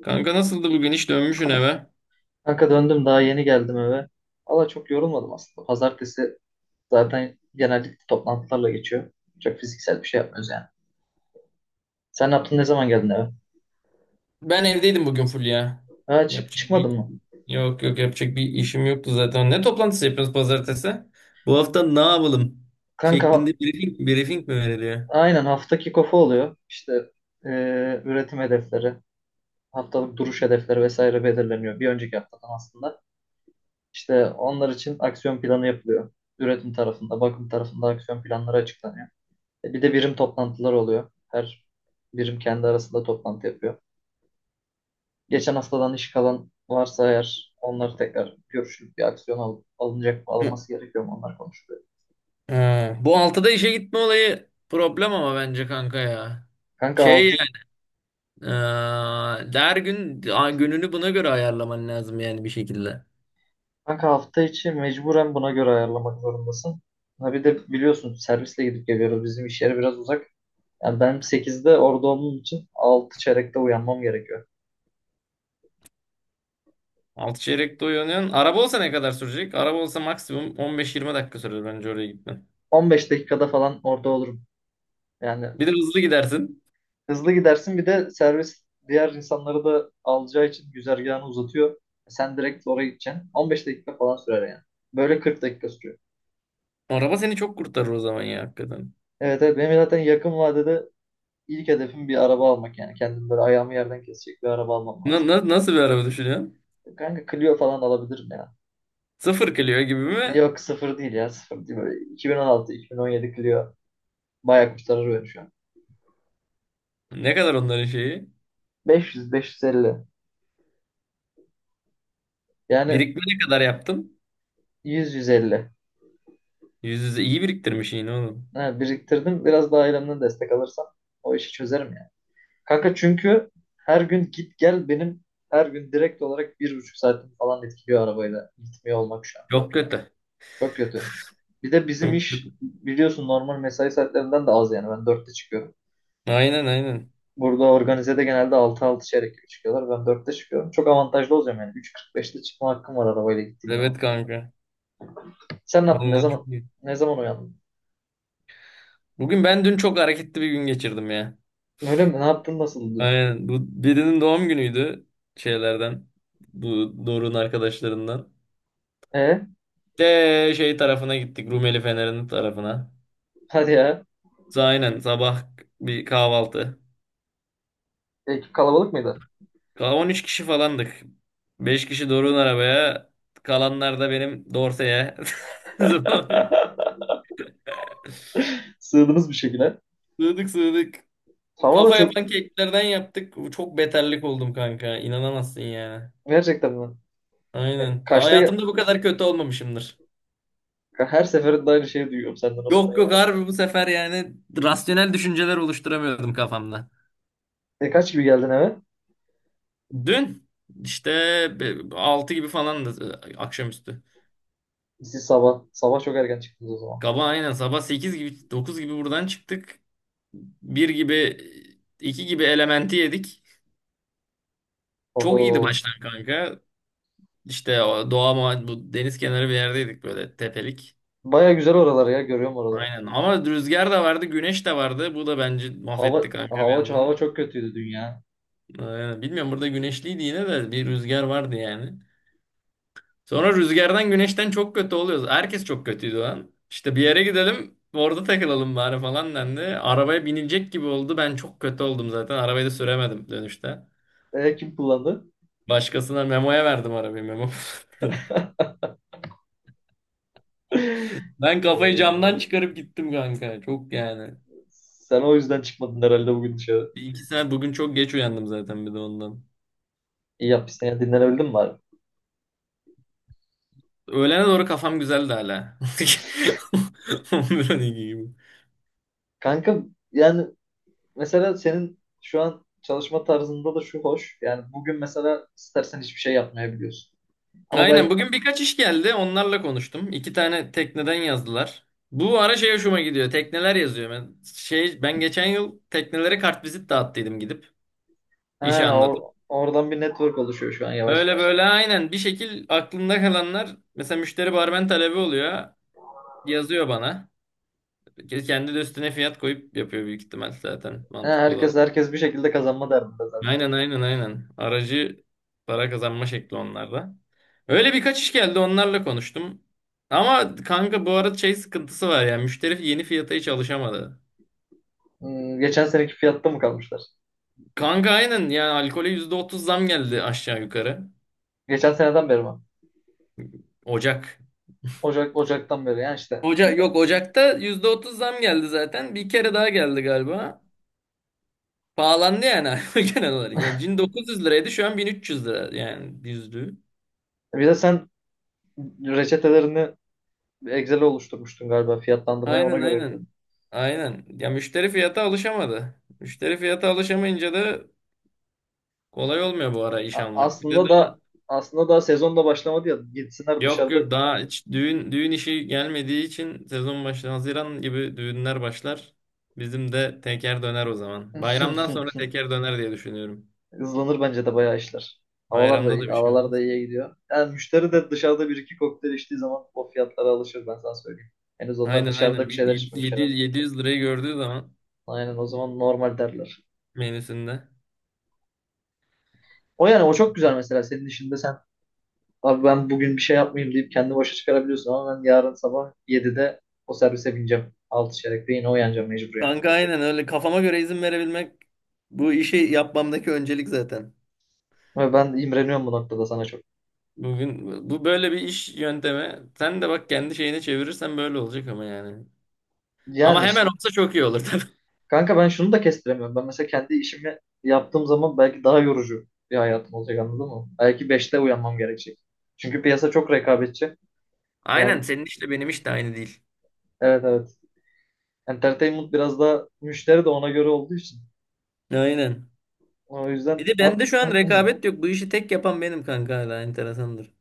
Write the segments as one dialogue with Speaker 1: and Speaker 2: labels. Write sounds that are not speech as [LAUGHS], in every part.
Speaker 1: Kanka nasıldı bugün? Hiç dönmüşsün eve.
Speaker 2: Kanka döndüm daha yeni geldim eve. Valla çok yorulmadım aslında. Pazartesi zaten genellikle toplantılarla geçiyor. Çok fiziksel bir şey yapmıyoruz yani. Sen ne yaptın, ne zaman geldin eve?
Speaker 1: Ben evdeydim bugün full ya.
Speaker 2: Ha, çık
Speaker 1: Yapacak
Speaker 2: çıkmadın
Speaker 1: bir
Speaker 2: mı?
Speaker 1: Yok, yok, yapacak bir işim yoktu zaten. Ne toplantısı yapıyoruz pazartesi? Bu hafta ne yapalım?
Speaker 2: Kanka
Speaker 1: Şeklinde briefing mi veriliyor?
Speaker 2: aynen hafta kick-off'u oluyor. İşte üretim hedefleri, haftalık duruş hedefleri vesaire belirleniyor. Bir önceki haftadan aslında. İşte onlar için aksiyon planı yapılıyor. Üretim tarafında, bakım tarafında aksiyon planları açıklanıyor. E, bir de birim toplantılar oluyor. Her birim kendi arasında toplantı yapıyor. Geçen haftadan iş kalan varsa eğer onları tekrar görüşüp bir aksiyon alınacak mı,
Speaker 1: Hı.
Speaker 2: alınması gerekiyor mu, onlar konuşuluyor.
Speaker 1: Ha, bu altıda işe gitme olayı problem ama bence kanka ya.
Speaker 2: Kanka,
Speaker 1: Şey
Speaker 2: altı,
Speaker 1: yani, her gün gününü buna göre ayarlaman lazım yani bir şekilde.
Speaker 2: kanka, hafta içi mecburen buna göre ayarlamak zorundasın. Ha bir de biliyorsun servisle gidip geliyoruz. Bizim iş yeri biraz uzak. Yani ben sekizde orada olduğum için 6 çeyrekte uyanmam gerekiyor.
Speaker 1: Altı çeyrekte uyanıyorsun. Araba olsa ne kadar sürecek? Araba olsa maksimum 15-20 dakika sürer bence oraya gitmen.
Speaker 2: 15 dakikada falan orada olurum. Yani
Speaker 1: Bir de hızlı gidersin.
Speaker 2: hızlı gidersin, bir de servis diğer insanları da alacağı için güzergahını uzatıyor. Sen direkt oraya gideceksin. 15 dakika falan sürer yani. Böyle 40 dakika sürüyor.
Speaker 1: Araba seni çok kurtarır o zaman ya hakikaten.
Speaker 2: Evet, evet, benim zaten yakın vadede ilk hedefim bir araba almak yani. Kendim böyle ayağımı yerden kesecek bir araba almam lazım.
Speaker 1: Nasıl bir araba düşünüyorsun?
Speaker 2: Kanka Clio falan alabilirim ya.
Speaker 1: Sıfır Clio gibi mi?
Speaker 2: Yok sıfır değil ya, sıfır değil. Böyle 2016-2017 Clio bayağı kurtarır beni şu an.
Speaker 1: Ne kadar onların şeyi?
Speaker 2: 500-550 yani.
Speaker 1: Birikme ne kadar yaptın?
Speaker 2: 100-150.
Speaker 1: Yüz yüze iyi biriktirmiş yine oğlum.
Speaker 2: Ha, biriktirdim, biraz daha ailemden destek alırsam o işi çözerim ya. Kanka çünkü her gün git gel, benim her gün direkt olarak 1,5 saatim falan etkiliyor arabayla gitmiyor olmak şu an.
Speaker 1: Çok kötü.
Speaker 2: Çok kötü. Bir de bizim
Speaker 1: Çok
Speaker 2: iş
Speaker 1: kötü.
Speaker 2: biliyorsun normal mesai saatlerinden de az yani. Ben dörtte çıkıyorum.
Speaker 1: Aynen, aynen.
Speaker 2: Burada organizede genelde altı, altı çeyrek gibi çıkıyorlar. Ben dörtte çıkıyorum. Çok avantajlı olacağım yani. 3:45'te çıkma hakkım var arabayla gittiğim
Speaker 1: Evet,
Speaker 2: zaman.
Speaker 1: kanka.
Speaker 2: Sen ne yaptın? Ne
Speaker 1: Vallahi çok
Speaker 2: zaman
Speaker 1: iyi.
Speaker 2: ne zaman uyandın?
Speaker 1: Bugün ben dün çok hareketli bir gün geçirdim ya.
Speaker 2: Öyle mi? Ne yaptın? Nasıldı?
Speaker 1: Aynen. Bu birinin doğum günüydü şeylerden. Bu Doruk'un arkadaşlarından.
Speaker 2: E?
Speaker 1: De şey tarafına gittik. Rumeli Fener'in tarafına.
Speaker 2: Hadi ya.
Speaker 1: Aynen sabah bir kahvaltı.
Speaker 2: Ekip kalabalık mıydı?
Speaker 1: 13 kişi falandık. 5 kişi Doruk'un arabaya. Kalanlar da benim Dorse'ye. [LAUGHS]
Speaker 2: [LAUGHS] Sığdınız bir şekilde.
Speaker 1: Sığdık, sığdık.
Speaker 2: Hava da
Speaker 1: Kafa
Speaker 2: çok.
Speaker 1: yapan keklerden yaptık. Çok beterlik oldum kanka. İnanamazsın yani.
Speaker 2: Gerçekten mi? E,
Speaker 1: Aynen.
Speaker 2: kaçta?
Speaker 1: Hayatımda bu kadar kötü olmamışımdır.
Speaker 2: Her seferinde aynı şeyi duyuyorum senden, Osman
Speaker 1: Yok,
Speaker 2: ya.
Speaker 1: yok, harbi bu sefer yani rasyonel düşünceler oluşturamıyordum kafamda.
Speaker 2: E, kaç gibi geldin eve?
Speaker 1: Dün işte 6 gibi falandı, akşamüstü.
Speaker 2: Siz sabah. Sabah çok erken çıktınız o zaman.
Speaker 1: Kaba aynen sabah 8 gibi 9 gibi buradan çıktık. Bir gibi iki gibi elementi yedik. Çok iyiydi
Speaker 2: Oho.
Speaker 1: başlar kanka. İşte o doğa bu deniz kenarı bir yerdeydik böyle tepelik.
Speaker 2: Baya güzel oralar ya. Görüyorum oraları.
Speaker 1: Aynen ama rüzgar da vardı, güneş de vardı. Bu da bence
Speaker 2: Hava,
Speaker 1: mahvetti kanka bir
Speaker 2: hava, hava
Speaker 1: yandan.
Speaker 2: çok kötüydü dün ya.
Speaker 1: Aynen. Bilmiyorum, burada güneşliydi yine de bir rüzgar vardı yani. Sonra rüzgardan güneşten çok kötü oluyoruz. Herkes çok kötüydü o an. İşte bir yere gidelim, orada takılalım bari falan dendi. Arabaya binilecek gibi oldu. Ben çok kötü oldum zaten. Arabayı da süremedim dönüşte.
Speaker 2: E, kim kullandı?
Speaker 1: Başkasına Memo'ya verdim arabayı, Memo. [LAUGHS]
Speaker 2: [LAUGHS]
Speaker 1: Ben kafayı
Speaker 2: Ee,
Speaker 1: camdan çıkarıp gittim kanka. Çok yani.
Speaker 2: Sen o yüzden çıkmadın herhalde bugün dışarı.
Speaker 1: Bir iki saat bugün çok geç uyandım zaten bir de ondan.
Speaker 2: İyi yapmışsın ya. Dinlenebildin mi bari?
Speaker 1: Öğlene doğru kafam güzeldi hala. [LAUGHS] 11-12 gibi.
Speaker 2: Kanka, yani mesela senin şu an çalışma tarzında da şu hoş. Yani bugün mesela istersen hiçbir şey yapmayabiliyorsun. Ama
Speaker 1: Aynen,
Speaker 2: ben,
Speaker 1: bugün birkaç iş geldi. Onlarla konuştum. İki tane tekneden yazdılar. Bu ara şey hoşuma gidiyor. Tekneler yazıyor. Ben, şey, ben geçen yıl teknelere kartvizit dağıttıydım gidip.
Speaker 2: ha,
Speaker 1: İşi anlatıp.
Speaker 2: oradan bir network oluşuyor şu an yavaş
Speaker 1: Öyle
Speaker 2: yavaş.
Speaker 1: böyle aynen bir şekil aklımda kalanlar mesela müşteri barmen talebi oluyor. Yazıyor bana. Kendi de üstüne fiyat koyup yapıyor büyük ihtimal, zaten
Speaker 2: He,
Speaker 1: mantıklı olan.
Speaker 2: herkes bir şekilde kazanma derdinde zaten.
Speaker 1: Aynen, aynen, aynen. Aracı para kazanma şekli onlarda. Öyle birkaç iş geldi, onlarla konuştum. Ama kanka bu arada şey sıkıntısı var ya, müşteri yeni fiyata hiç alışamadı.
Speaker 2: Hmm, geçen seneki fiyatta mı kalmışlar?
Speaker 1: Kanka aynen yani alkole %30 zam geldi aşağı yukarı.
Speaker 2: Geçen seneden beri mi?
Speaker 1: Ocak.
Speaker 2: Ocak'tan beri yani işte.
Speaker 1: Ocak yok, Ocak'ta %30 zam geldi zaten. Bir kere daha geldi galiba. Pahalandı yani [LAUGHS] alkol genel olarak. Yani cin 900 liraydı, şu an 1.300 lira yani, yüzlüğü.
Speaker 2: Bir de sen reçetelerini Excel'e oluşturmuştun galiba, fiyatlandırmayı ona
Speaker 1: Aynen,
Speaker 2: göre
Speaker 1: aynen.
Speaker 2: yapıyordun.
Speaker 1: Aynen. Ya müşteri fiyata alışamadı. Müşteri fiyata alışamayınca da kolay olmuyor bu ara iş
Speaker 2: A-
Speaker 1: almak. Bir de
Speaker 2: aslında da
Speaker 1: daha
Speaker 2: aslında daha sezon da başlamadı ya. Gitsinler
Speaker 1: yok,
Speaker 2: dışarıda.
Speaker 1: yok, daha hiç düğün işi gelmediği için sezon başlar. Haziran gibi düğünler başlar. Bizim de teker döner o zaman. Bayramdan sonra
Speaker 2: [LAUGHS]
Speaker 1: teker döner diye düşünüyorum.
Speaker 2: Hızlanır bence de bayağı işler. Havalar da
Speaker 1: Bayramda
Speaker 2: iyi,
Speaker 1: da bir şey
Speaker 2: havalar da
Speaker 1: olmaz.
Speaker 2: iyiye gidiyor. Yani müşteri de dışarıda bir iki kokteyl içtiği zaman o fiyatlara alışır, ben sana söyleyeyim. Henüz onlar
Speaker 1: Aynen,
Speaker 2: dışarıda
Speaker 1: aynen.
Speaker 2: bir
Speaker 1: Bir
Speaker 2: şeyler içmemiş herhalde.
Speaker 1: 700, 700 lirayı gördüğü zaman
Speaker 2: Aynen, o zaman normal derler.
Speaker 1: menüsünde.
Speaker 2: O yani, o çok güzel mesela senin işinde. Sen, abi ben bugün bir şey yapmayayım deyip kendi başa çıkarabiliyorsun ama ben yarın sabah 7'de o servise bineceğim. 6 çeyrekte yine uyanacağım mecbur yani.
Speaker 1: Kanka aynen, öyle kafama göre izin verebilmek bu işi yapmamdaki öncelik zaten.
Speaker 2: Ve ben imreniyorum bu noktada sana çok.
Speaker 1: Bugün bu böyle bir iş yöntemi. Sen de bak, kendi şeyine çevirirsen böyle olacak ama yani. Ama
Speaker 2: Yani
Speaker 1: hemen
Speaker 2: işte
Speaker 1: olsa çok iyi olur tabii.
Speaker 2: kanka, ben şunu da kestiremiyorum. Ben mesela kendi işimi yaptığım zaman belki daha yorucu bir hayatım olacak, anladın mı? Belki beşte uyanmam gerekecek. Çünkü piyasa çok rekabetçi.
Speaker 1: [LAUGHS] Aynen,
Speaker 2: Yani
Speaker 1: senin işle benim iş de aynı değil.
Speaker 2: evet, evet. Entertainment biraz daha, müşteri de ona göre olduğu için.
Speaker 1: Aynen.
Speaker 2: O
Speaker 1: Bir
Speaker 2: yüzden
Speaker 1: de bende şu an
Speaker 2: [CLEARS THROAT]
Speaker 1: rekabet yok. Bu işi tek yapan benim kanka, hala enteresandır.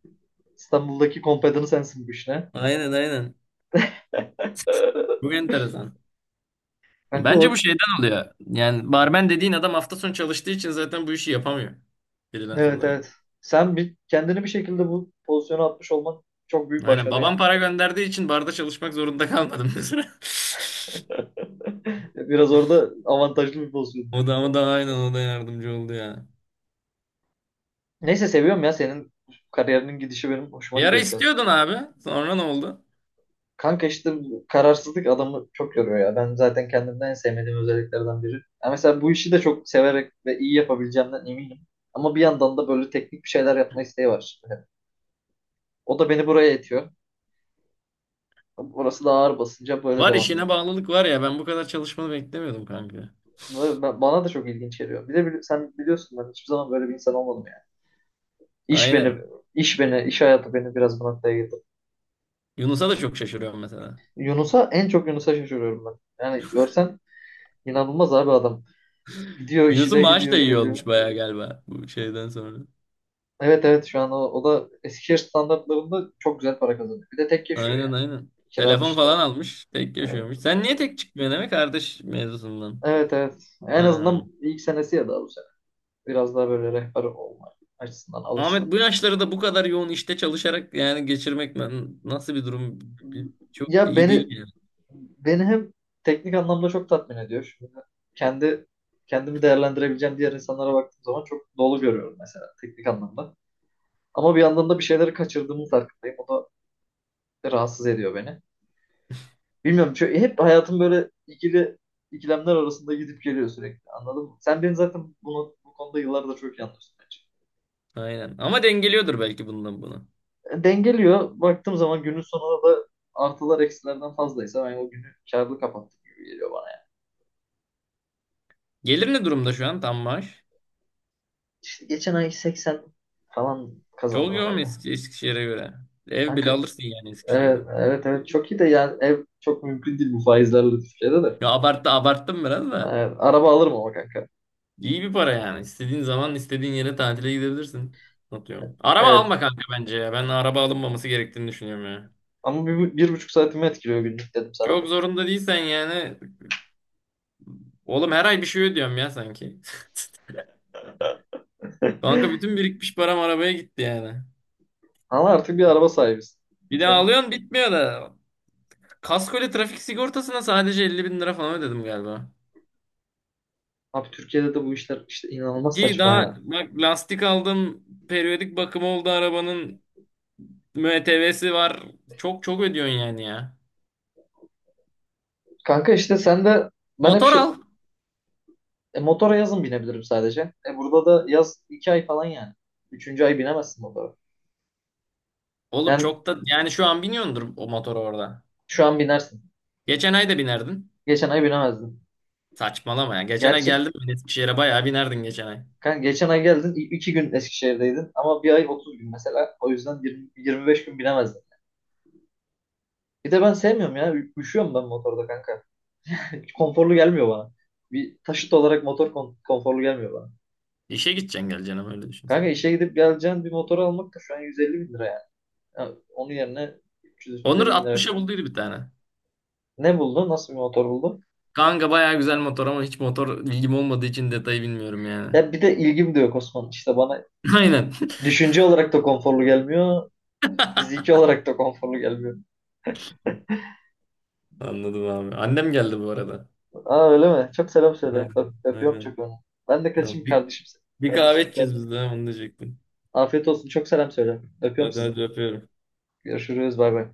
Speaker 2: İstanbul'daki kompedanı sensin bu işine.
Speaker 1: Aynen, aynen. Bu enteresan.
Speaker 2: Kanka,
Speaker 1: Bence bu
Speaker 2: o,
Speaker 1: şeyden oluyor. Yani barmen dediğin adam hafta sonu çalıştığı için zaten bu işi yapamıyor. Freelance
Speaker 2: evet
Speaker 1: olarak.
Speaker 2: evet. Sen kendini bir şekilde bu pozisyona atmış olman çok büyük
Speaker 1: Aynen.
Speaker 2: başarı
Speaker 1: Babam
Speaker 2: yani.
Speaker 1: para gönderdiği için barda çalışmak zorunda kalmadım mesela. [LAUGHS]
Speaker 2: [LAUGHS] Biraz orada avantajlı bir pozisyon.
Speaker 1: O da ama da aynen, o da yardımcı oldu ya.
Speaker 2: Neyse, seviyorum ya senin kariyerinin gidişi, benim hoşuma
Speaker 1: Bir ara
Speaker 2: gidiyor şu an.
Speaker 1: istiyordun abi. Sonra ne oldu?
Speaker 2: Kanka işte bu kararsızlık adamı çok yoruyor ya. Ben zaten kendimden en sevmediğim özelliklerden biri. Ya mesela bu işi de çok severek ve iyi yapabileceğimden eminim. Ama bir yandan da böyle teknik bir şeyler yapma isteği var şimdi. O da beni buraya itiyor. Burası da ağır basınca böyle
Speaker 1: Var,
Speaker 2: devam ediyor.
Speaker 1: işine bağlılık var ya. Ben bu kadar çalışmanı beklemiyordum kanka.
Speaker 2: Bana da çok ilginç geliyor. Bir de sen biliyorsun, ben hiçbir zaman böyle bir insan olmadım yani. İş beni,
Speaker 1: Aynen.
Speaker 2: iş hayatı beni biraz bu noktaya getirdi.
Speaker 1: Yunus'a da çok şaşırıyorum mesela.
Speaker 2: Yunus'a, en çok Yunus'a şaşırıyorum ben. Yani görsen, inanılmaz abi adam. Gidiyor, işi
Speaker 1: Yunus'un
Speaker 2: de
Speaker 1: maaşı
Speaker 2: gidiyor,
Speaker 1: da iyi olmuş
Speaker 2: geliyor.
Speaker 1: bayağı galiba bu şeyden sonra.
Speaker 2: Evet evet, şu an o da Eskişehir standartlarında çok güzel para kazanıyor. Bir de tek yaşıyor
Speaker 1: Aynen,
Speaker 2: yani.
Speaker 1: aynen.
Speaker 2: Kira
Speaker 1: Telefon
Speaker 2: dışında.
Speaker 1: falan almış. Tek
Speaker 2: Yani
Speaker 1: yaşıyormuş. Sen niye tek çıkmıyorsun demek kardeş mevzusundan.
Speaker 2: evet, evet. En azından
Speaker 1: Aynen.
Speaker 2: ilk senesi ya, daha bu sene. Biraz daha böyle rehber olma açısından
Speaker 1: Ahmet
Speaker 2: alışsın.
Speaker 1: bu yaşları da bu kadar yoğun işte çalışarak yani geçirmek, nasıl bir durum, çok
Speaker 2: Ya,
Speaker 1: iyi değil
Speaker 2: beni
Speaker 1: yani.
Speaker 2: beni hem teknik anlamda çok tatmin ediyor. Şimdi kendi kendimi değerlendirebileceğim diğer insanlara baktığım zaman çok dolu görüyorum mesela teknik anlamda. Ama bir yandan da bir şeyleri kaçırdığımın farkındayım. O da rahatsız ediyor beni. Bilmiyorum, çünkü hep hayatım böyle ikilemler arasında gidip geliyor sürekli. Anladın mı? Sen beni zaten bu konuda yıllardır çok iyi anlıyorsun bence.
Speaker 1: Aynen. Ama dengeliyordur belki bundan bunu.
Speaker 2: E, dengeliyor. Baktığım zaman günün sonunda da artılar eksilerden fazlaysa ben o günü kârlı kapattım gibi geliyor bana. Yani.
Speaker 1: Gelir ne durumda şu an, tam maaş?
Speaker 2: İşte geçen ay 80 falan
Speaker 1: Çok
Speaker 2: kazandım
Speaker 1: yoğun
Speaker 2: herhalde.
Speaker 1: Eskişehir'e göre. Ev
Speaker 2: Kanka
Speaker 1: bile alırsın yani
Speaker 2: evet,
Speaker 1: Eskişehir'den.
Speaker 2: evet, evet, çok iyi de yani ev çok mümkün değil bu faizlerle Türkiye'de de.
Speaker 1: Ya abarttım biraz da.
Speaker 2: Araba alırım ama kanka.
Speaker 1: İyi bir para yani. İstediğin zaman istediğin yere tatile gidebilirsin. Atıyorum. Araba
Speaker 2: Evet,
Speaker 1: alma kanka bence ya. Ben araba alınmaması gerektiğini düşünüyorum ya.
Speaker 2: ama bir buçuk saatimi etkiliyor günlük, dedim sana.
Speaker 1: Çok zorunda değilsen yani. Oğlum her ay bir şey ödüyorum ya sanki. [LAUGHS] Kanka
Speaker 2: [LAUGHS]
Speaker 1: bütün birikmiş param arabaya gitti yani.
Speaker 2: Ama artık bir araba sahibisin.
Speaker 1: Bir de
Speaker 2: Sen,
Speaker 1: alıyorsun bitmiyor da. Kaskoyla trafik sigortasına sadece 50 bin lira falan ödedim galiba.
Speaker 2: abi Türkiye'de de bu işler işte inanılmaz
Speaker 1: Ki
Speaker 2: saçma
Speaker 1: daha
Speaker 2: ya.
Speaker 1: bak lastik aldım. Periyodik bakımı oldu arabanın. MTV'si var. Çok çok ödüyorsun yani ya.
Speaker 2: Kanka işte sen de, ben hep
Speaker 1: Motor al.
Speaker 2: motora yazın binebilirim sadece. E, burada da yaz 2 ay falan yani. Üçüncü ay binemezsin motora.
Speaker 1: Oğlum
Speaker 2: Yani
Speaker 1: çok da yani şu an biniyordur o motor orada.
Speaker 2: şu an binersin.
Speaker 1: Geçen ay da binerdin.
Speaker 2: Geçen ay binemezdin.
Speaker 1: Saçmalama ya. Geçen ay
Speaker 2: Gerçi,
Speaker 1: geldim ben Eskişehir'e, bayağı binerdin geçen ay.
Speaker 2: kanka geçen ay geldin. 2 gün Eskişehir'deydin. Ama bir ay 30 gün mesela. O yüzden 20-25 gün binemezdim. Bir de ben sevmiyorum ya. Üşüyorum ben motorda kanka. [LAUGHS] Hiç konforlu gelmiyor bana. Bir taşıt olarak motor konforlu gelmiyor bana.
Speaker 1: İşe gideceksin geleceksin ama öyle düşün
Speaker 2: Kanka
Speaker 1: sen.
Speaker 2: işe gidip geleceğin bir motor almak da şu an 150 bin lira yani. Ya onun yerine üç üç yüz üç yüz
Speaker 1: Onur
Speaker 2: elli bin lira.
Speaker 1: 60'a bulduydu bir tane.
Speaker 2: Ne buldun? Nasıl bir motor buldun?
Speaker 1: Kanka bayağı güzel motor ama hiç motor bilgim olmadığı için detayı bilmiyorum yani.
Speaker 2: Ya bir de ilgim de yok Osman. İşte bana
Speaker 1: [LAUGHS] Aynen.
Speaker 2: düşünce olarak da konforlu gelmiyor. Fiziki olarak da konforlu gelmiyor.
Speaker 1: Anladım abi. Annem geldi bu arada.
Speaker 2: Aa, öyle mi? Çok selam söyle. Öp,
Speaker 1: Aynen.
Speaker 2: öpüyorum
Speaker 1: Aynen.
Speaker 2: çok onu. Ben de kaçayım
Speaker 1: Ya Bir,
Speaker 2: kardeşim.
Speaker 1: bir kahve
Speaker 2: Kardeşim
Speaker 1: içeceğiz
Speaker 2: geldi.
Speaker 1: biz de. Ha, onu diyecektim.
Speaker 2: Afiyet olsun. Çok selam söyle. Öpüyorum
Speaker 1: Hadi,
Speaker 2: sizi.
Speaker 1: hadi öpüyorum.
Speaker 2: Görüşürüz. Bay bay.